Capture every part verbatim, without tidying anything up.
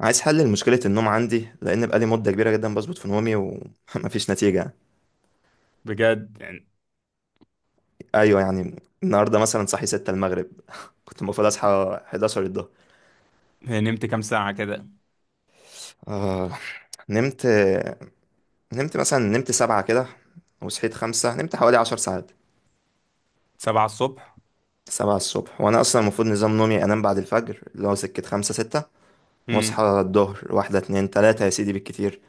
عايز حل لمشكلة النوم عندي لأن بقالي مدة كبيرة جدا بظبط في نومي ومفيش نتيجة. بجد يعني؟ أيوة يعني. النهاردة مثلا صحي ستة المغرب، كنت المفروض أصحى الحداشر الظهر. هي نمت كام ساعة كده؟ آه، نمت. نمت مثلا نمت سبعة كده وصحيت خمسة، نمت حوالي عشر ساعات. سبعة الصبح. سبعة الصبح، وأنا أصلا المفروض نظام نومي أنام بعد الفجر اللي هو سكة خمسة ستة، امم. وأصحى الظهر واحدة اتنين تلاتة يا سيدي بالكتير،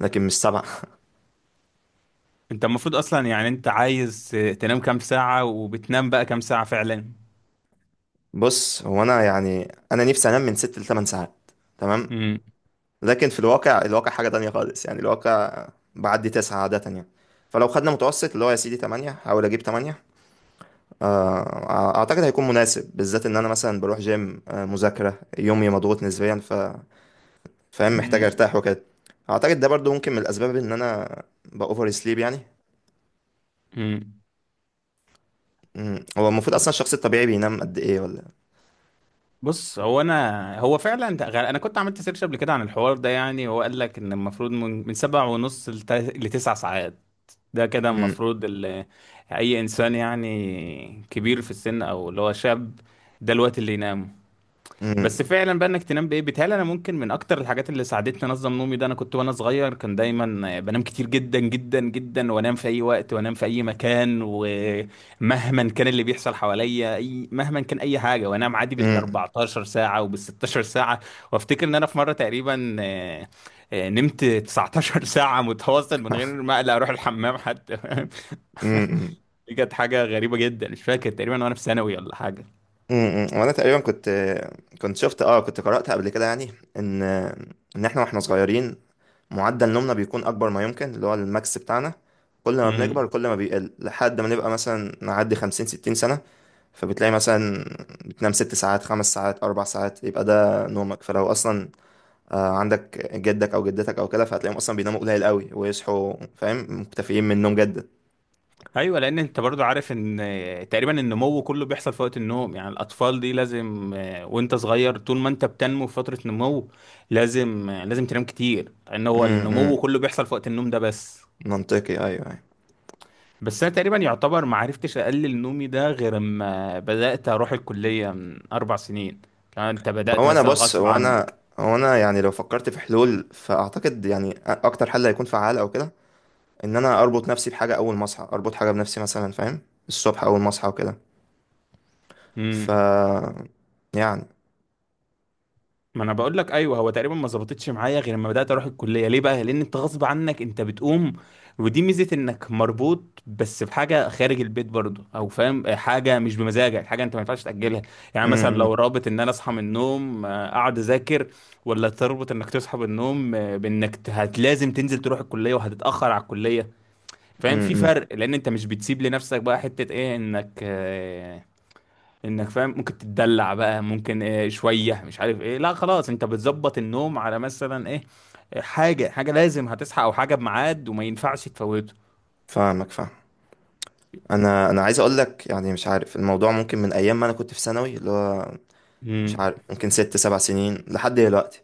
لكن مش سبعة. انت المفروض اصلا، يعني انت عايز تنام كام ساعة، وبتنام بقى كام ساعة فعلا؟ بص، هو أنا يعني أنا نفسي أنام من ست لتمن ساعات، تمام. امم، لكن في الواقع الواقع حاجة تانية خالص، يعني الواقع بعدي تسعة عادة يعني. فلو خدنا متوسط اللي هو يا سيدي تمانية، أحاول أجيب تمانية. آه، أعتقد هيكون مناسب، بالذات إن أنا مثلا بروح جيم، آه، مذاكرة يومي مضغوط نسبيا، ف فاهم محتاج امم، أرتاح وكده. أعتقد ده برضو ممكن من الأسباب إن أنا بأوفر سليب يعني. امم. مم. هو المفروض أصلا الشخص الطبيعي بينام قد إيه ولا؟ بص، هو انا، هو فعلا ده غ- انا كنت عملت سيرش قبل كده عن الحوار ده، يعني هو قال لك ان المفروض من من سبع ونص لت- لتسع ساعات. ده كده مم. المفروض ال- اي انسان، يعني كبير في السن او اللي هو شاب، ده الوقت اللي ينام. بس مم. فعلا بقى، انك تنام بايه؟ بيتهيألي انا ممكن من اكتر الحاجات اللي ساعدتني انظم نومي ده، انا كنت وانا صغير كان دايما بنام كتير جدا جدا جدا، وانام في اي وقت، وانام في اي مكان، ومهما كان اللي بيحصل حواليا، اي مهما كان اي حاجه، وانام عادي بال مم. اربعتاشر ساعة ساعه وبال ستاشر ساعة ساعه. وافتكر ان انا في مره تقريبا آه، آه، نمت تسعتاشر ساعه متواصل من غير ما اقلق اروح الحمام حتى مم. دي كانت حاجه غريبه جدا، مش فاكر، تقريبا وانا في ثانوي ولا امم وانا تقريبا كنت كنت شفت اه كنت قرأت قبل كده، يعني ان ان احنا واحنا صغيرين، معدل نومنا بيكون اكبر ما يمكن، اللي هو الماكس بتاعنا. كل ما حاجه. بنكبر كل ما بيقل، لحد ما نبقى مثلا نعدي خمسين ستين سنة. فبتلاقي مثلا بتنام ست ساعات، خمس ساعات، اربع ساعات، يبقى ده نومك. فلو اصلا آه، عندك جدك او جدتك او كده، فهتلاقيهم اصلا بيناموا قليل قوي ويصحوا، فاهم، مكتفيين من النوم جدا. ايوه، لان انت برضو عارف ان تقريبا النمو كله بيحصل في وقت النوم، يعني الاطفال دي لازم، آه، وانت صغير طول ما انت بتنمو في فتره نمو لازم آه، لازم تنام كتير، لان هو امم، النمو إمم. كله بيحصل في وقت النوم ده. بس منطقي، ايوه، أيوه. بس انا تقريبا يعتبر ما عرفتش اقلل نومي ده غير اما بدات اروح الكليه من اربع سنين، كان انت ما بدات هو انا، مثلا بص غصب هو عنك. انا هو انا يعني لو فكرت في حلول، فاعتقد يعني اكتر حل هيكون فعال او كده، ان انا اربط نفسي بحاجه، اول ما اصحى اربط حاجه بنفسي مثلا، فاهم، الصبح اول ما اصحى وكده. ف يعني. ما انا بقول لك، ايوه، هو تقريبا ما ظبطتش معايا غير لما بدات اروح الكليه. ليه بقى؟ لان انت غصب عنك انت بتقوم، ودي ميزه انك مربوط بس بحاجه خارج البيت برضه، او فاهم، حاجه مش بمزاجك، حاجه انت ما ينفعش تاجلها. يعني مثلا لو امم. رابط ان انا اصحى من النوم آه، اقعد اذاكر، ولا تربط انك تصحى من النوم آه، بانك ت- هت لازم تنزل تروح الكليه وهتتاخر على الكليه، فاهم؟ في امم. فرق لان انت مش بتسيب لنفسك بقى حته ايه، انك آه، انك فاهم ممكن تتدلع بقى، ممكن إيه شويه مش عارف ايه. لا، خلاص، انت بتظبط النوم على مثلا ايه، حاجه، حاجه لازم هتصحى، او حاجه بميعاد وما ينفعش تفوته. فاهمك، فاهم. انا انا عايز اقول لك يعني، مش عارف، الموضوع ممكن من ايام ما انا كنت في ثانوي اللي هو، مش امم. عارف، ممكن ست سبع سنين لحد دلوقتي.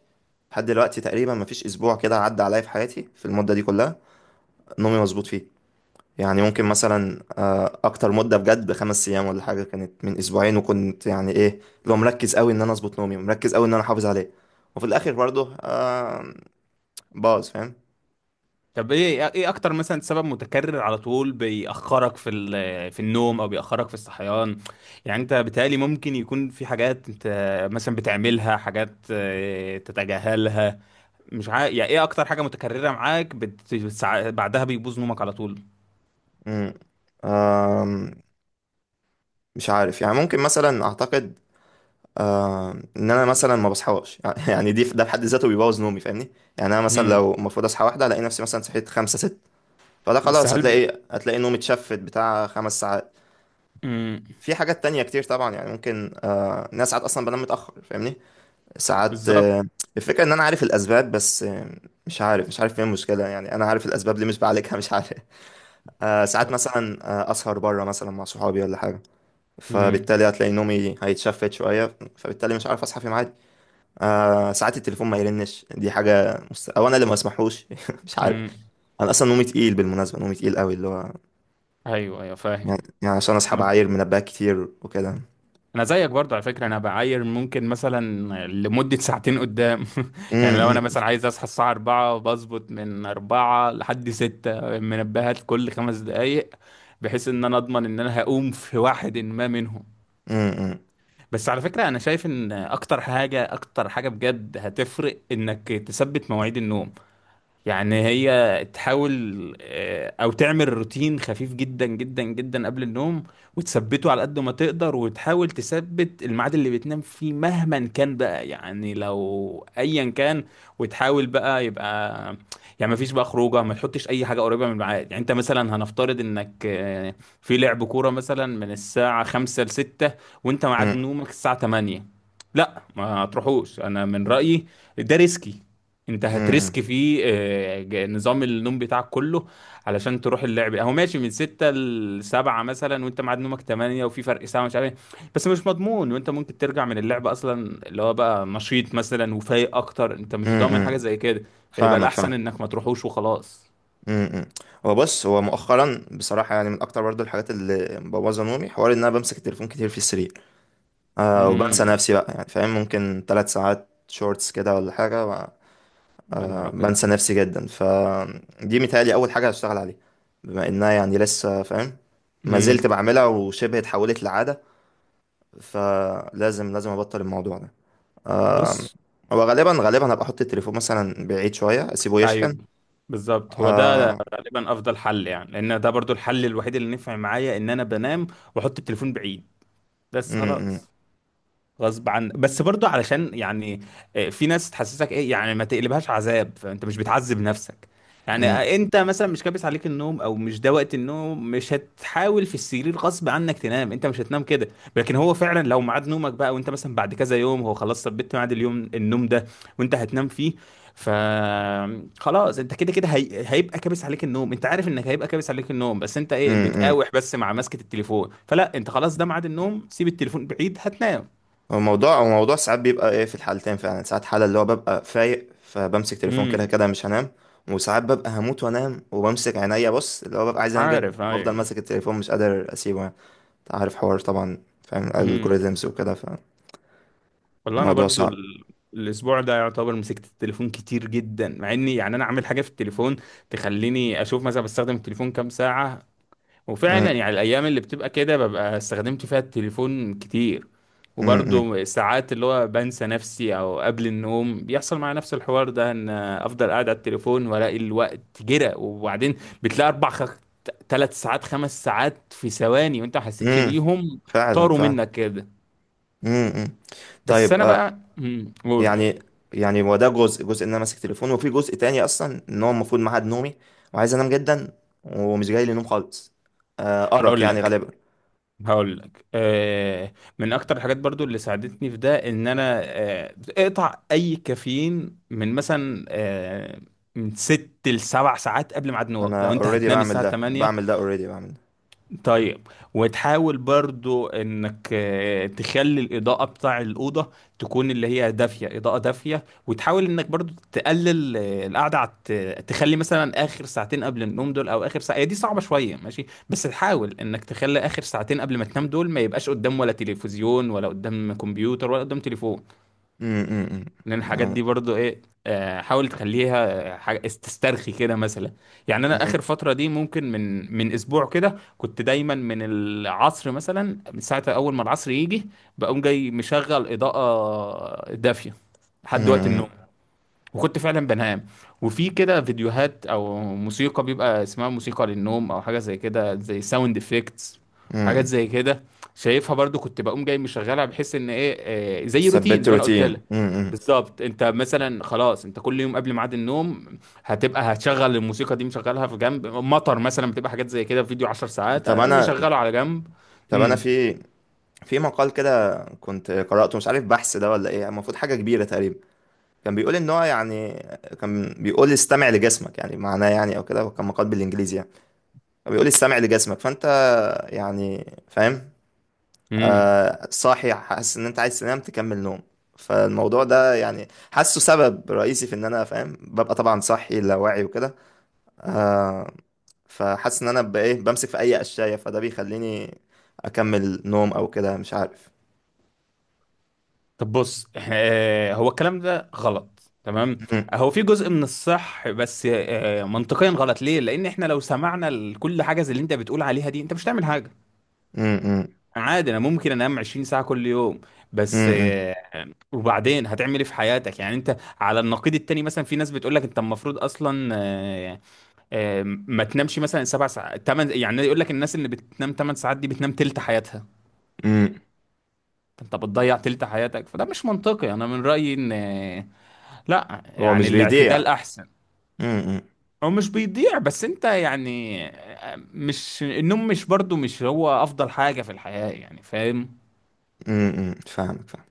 لحد دلوقتي تقريبا مفيش اسبوع كده عدى عليا في حياتي في المده دي كلها نومي مظبوط فيه. يعني ممكن مثلا آه، اكتر مده بجد بخمس ايام ولا حاجه كانت من اسبوعين، وكنت يعني ايه، لو مركز قوي ان انا اظبط نومي، مركز قوي ان انا احافظ عليه، وفي الاخر برضه آه، باظ، فاهم. طب، ايه ايه اكتر مثلا سبب متكرر على طول بيأخرك في ال- في النوم او بيأخرك في الصحيان؟ يعني انت بيتهيألي ممكن يكون في حاجات انت مثلا بتعملها، حاجات آه، تتجاهلها؟ مش عارف، يعني ايه اكتر حاجة متكررة معاك بت... بتسع... بعدها بيبوظ نومك على طول؟ مم. آم، مش عارف يعني، ممكن مثلا اعتقد آم، ان انا مثلا ما بصحاش يعني، دي ده في حد ذاته بيبوظ نومي، فاهمني. يعني انا مثلا امم. لو المفروض اصحى واحده، الاقي نفسي مثلا صحيت خمسة ست، فده بس خلاص، هل. هتلاقي هتلاقي نومي اتشفت، بتاع خمس ساعات. امم. في حاجات تانية كتير طبعا، يعني ممكن، آه ناس ساعات أصلا بنام متأخر، فاهمني. ساعات بالظبط. آه الفكرة إن أنا عارف الأسباب، بس آه مش عارف مش عارف فين المشكلة، يعني أنا عارف الأسباب، ليه مش بعالجها، مش عارف. آه ساعات مثلا آه أسهر بره مثلا مع صحابي ولا حاجة، امم، فبالتالي هتلاقي نومي هيتشفت شوية، فبالتالي مش عارف أصحى في ميعادي. آه ساعات التليفون ما يرنش، دي حاجة مست... أو أنا اللي ما أسمحوش. مش عارف. امم. أنا أصلا نومي تقيل بالمناسبة، نومي تقيل قوي، اللي هو ايوه، ايوه، فاهم. يعني, يعني عشان أصحى انا بعاير منبهات كتير وكده. انا زيك برضو على فكره، انا بعاير ممكن مثلا لمده ساعتين قدام. يعني لو انا مثلا عايز اصحى الساعه اربعة بظبط، من اربعة لحد ستة منبهات كل خمس دقائق، بحيث ان انا اضمن ان انا هقوم في واحد ما منهم. امم. بس على فكره، انا شايف ان اكتر حاجه، اكتر حاجه بجد هتفرق انك تثبت مواعيد النوم، يعني هي تحاول آه، او تعمل روتين خفيف جدا جدا جدا قبل النوم، وتثبته على قد ما تقدر، وتحاول تثبت الميعاد اللي بتنام فيه مهما كان بقى، يعني لو ايا كان، وتحاول بقى يبقى يعني ما فيش بقى خروجه، ما تحطش اي حاجه قريبه من الميعاد. يعني انت مثلا هنفترض انك آه، في لعب كوره مثلا من الساعه خمسة ل ستة، وانت ميعاد امم. نومك الساعه تمانية. لا، ما تروحوش، انا من رايي. ده ريسكي، انت امم. هتريسك فيه آه، ج- نظام النوم بتاعك كله علشان تروح اللعب. اهو، ماشي من ستة ل سبعة مثلا وانت ميعاد نومك تمانية وفي فرق ساعه مش عارف ايه، بس مش مضمون، وانت ممكن ترجع من اللعب اصلا اللي هو بقى نشيط مثلا وفايق اكتر، انت مش امم. ضامن حاجه امم. زي كده. فيبقى فاهمك، الاحسن فاهم. انك ما تروحوش وخلاص. امم، امم. هو بص هو مؤخرا بصراحه، يعني من اكتر برضو الحاجات اللي مبوظه نومي، حوار ان انا بمسك التليفون كتير في السرير، آه وبنسى امم. نفسي بقى، يعني فاهم، ممكن ثلاث ساعات شورتس كده ولا حاجه و- يا نهار آه، ابيض. بنسى نفسي جدا، فدي متهيألي اول حاجه هشتغل عليها، بما انها يعني لسه، فاهم، ما زلت امم. بعملها وشبه اتحولت لعاده، فلازم لازم ابطل الموضوع ده. بص، هو غالبا غالبا هبقى احط التليفون مثلا بعيد شويه اسيبه ايوه، يشحن. بالظبط، هو ده آه. غالبا افضل حل، يعني لان ده برضو الحل الوحيد اللي نفع معايا، ان انا بنام واحط التليفون بعيد، بس امم، امم. خلاص غصب عن. بس برضو علشان، يعني آه، في ناس تحسسك ايه، يعني ما تقلبهاش عذاب، فانت مش بتعذب نفسك. يعني امم. آه، انت مثلا مش كابس عليك النوم، او مش ده وقت النوم، مش هتحاول في السرير غصب عنك تنام، انت مش هتنام كده. لكن هو فعلا لو ميعاد نومك بقى، وانت مثلا بعد كذا يوم هو خلاص ثبت ميعاد اليوم، النوم ده وانت هتنام فيه، ف خلاص انت كده كده هي... هيبقى كابس عليك النوم، انت عارف انك هيبقى كابس عليك النوم، بس انت ايه امم. امم. بتقاوح بس مع مسكة التليفون، فلا، انت خلاص، ده ميعاد النوم، سيب التليفون بعيد، هتنام. هو الموضوع هو الموضوع ساعات بيبقى ايه في الحالتين، فعلا، ساعات حالة اللي هو ببقى فايق فبمسك تليفون، كده امم. كده مش هنام. وساعات ببقى هموت وانام وبمسك عينيا، بص اللي هو ببقى عايز انام جد، عارف، بفضل ايوه. ماسك التليفون مش قادر اسيبه يعني. انت عارف حوار طبعا، فاهم امم. الالجوريزمز وكده. والله انا فالموضوع برضو صعب. ال... الاسبوع ده يعتبر مسكت التليفون كتير جدا، مع اني يعني انا اعمل حاجه في التليفون تخليني اشوف مثلا بستخدم التليفون كام ساعه، وفعلا امم. يعني الايام اللي بتبقى كده ببقى استخدمت فيها التليفون كتير. امم. امم. وبرضو ساعات اللي هو بنسى نفسي او قبل النوم بيحصل معايا نفس الحوار ده، ان افضل قاعد على التليفون والاقي الوقت جرى، وبعدين بتلاقي اربع خ... ثلاث ساعات خمس ساعات في ثواني وانت ما حسيتش امم. بيهم، فعلا، طاروا فعلا. منك كده. امم، امم. بس طيب، انا آه، بقى مم، قول. يعني، يعني هو ده جزء جزء ان انا ماسك تليفون، وفي جزء تاني اصلا ان هو المفروض ميعاد نومي وعايز انام جدا ومش جاي لي نوم خالص، آه، ارق هقول يعني لك غالبا. هقول لك آه من اكتر الحاجات برضو اللي ساعدتني في ده، ان انا آه اقطع اي كافيين من مثلا آه من ست لسبع ساعات قبل ميعاد نوم لو انا انت اوريدي هتنام بعمل الساعه ده تمانية. بعمل ده اوريدي بعمل ده طيب. وتحاول برضو انك آه، تخلي الاضاءة بتاع الأوضة تكون اللي هي دافية، إضاءة دافية. وتحاول انك برضو تقلل آه، القعدة على الت- تخلي مثلا آخر ساعتين قبل النوم دول، او آخر ساعة، هي دي صعبة شوية، ماشي، بس تحاول انك تخلي آخر ساعتين قبل ما تنام دول ما يبقاش قدام ولا تلفزيون ولا قدام كمبيوتر ولا قدام تليفون، امم. امم. لان الحاجات أمم. دي برضو ايه، آه، حاول تخليها آه، حاجة استرخي كده مثلا. يعني انا اخر أمم، فتره دي ممكن من من اسبوع كده، كنت دايما من العصر مثلا، من ساعه اول ما العصر يجي بقوم جاي مشغل اضاءه دافيه لحد وقت النوم، أمم، وكنت فعلا بنام. وفي كده فيديوهات او موسيقى بيبقى اسمها موسيقى للنوم او حاجه زي كده، زي ساوند افكتس، حاجات أمم. زي كده شايفها، برضو كنت بقوم جاي مشغلها، بحيث ان ايه، آه، زي روتين ثبت زي ما انا قلت روتين. لك. أمم، أمم. بالظبط، انت مثلا خلاص، انت كل يوم قبل ميعاد النوم هتبقى هتشغل الموسيقى دي، مشغلها في جنب، مطر مثلا، بتبقى حاجات زي كده، فيديو 10 ساعات طب آه، انا مشغله على جنب. طب انا امم، في في مقال كده كنت قرأته، مش عارف بحث ده ولا ايه، المفروض حاجة كبيرة تقريبا، كان بيقول ان هو يعني، كان بيقول استمع لجسمك، يعني معناه يعني او كده، وكان مقال بالانجليزي يعني، بيقول السمع لجسمك، فانت يعني فاهم، امم. آه صاحي حاسس ان انت عايز تنام، تكمل نوم. فالموضوع ده يعني، حاسه سبب رئيسي في ان انا فاهم ببقى طبعا صاحي لا واعي وكده. آه فحاسس ان انا ببقى ايه، بمسك في اي قشاية، فده بيخليني اكمل نوم او كده، مش عارف. طب بص، آه، هو الكلام ده غلط تمام. مم. هو في جزء من الصح بس آه، منطقيا غلط. ليه؟ لان احنا لو سمعنا لكل حاجه زي اللي انت بتقول عليها دي انت مش هتعمل حاجه، مم. مم. عادي انا ممكن انام عشرين ساعة ساعه كل يوم. بس مم. آه، وبعدين هتعمل ايه في حياتك؟ يعني انت على النقيض التاني مثلا في ناس بتقول لك انت المفروض اصلا آه، آه، ما تنامش مثلا سبع ساعات تمن، يعني يقول لك، الناس اللي بتنام 8 ساعات دي بتنام تلت حياتها، مم. انت بتضيع تلت حياتك. فده مش منطقي، انا من رايي ان آه، لا هو يعني مش بيضيع. الاعتدال احسن. مم. مم. هو مش بيضيع. بس انت يعني آه، مش النوم مش برضو مش هو افضل حاجة في الحياة، يعني فاهم؟ مم. فاهمك، فاهمك.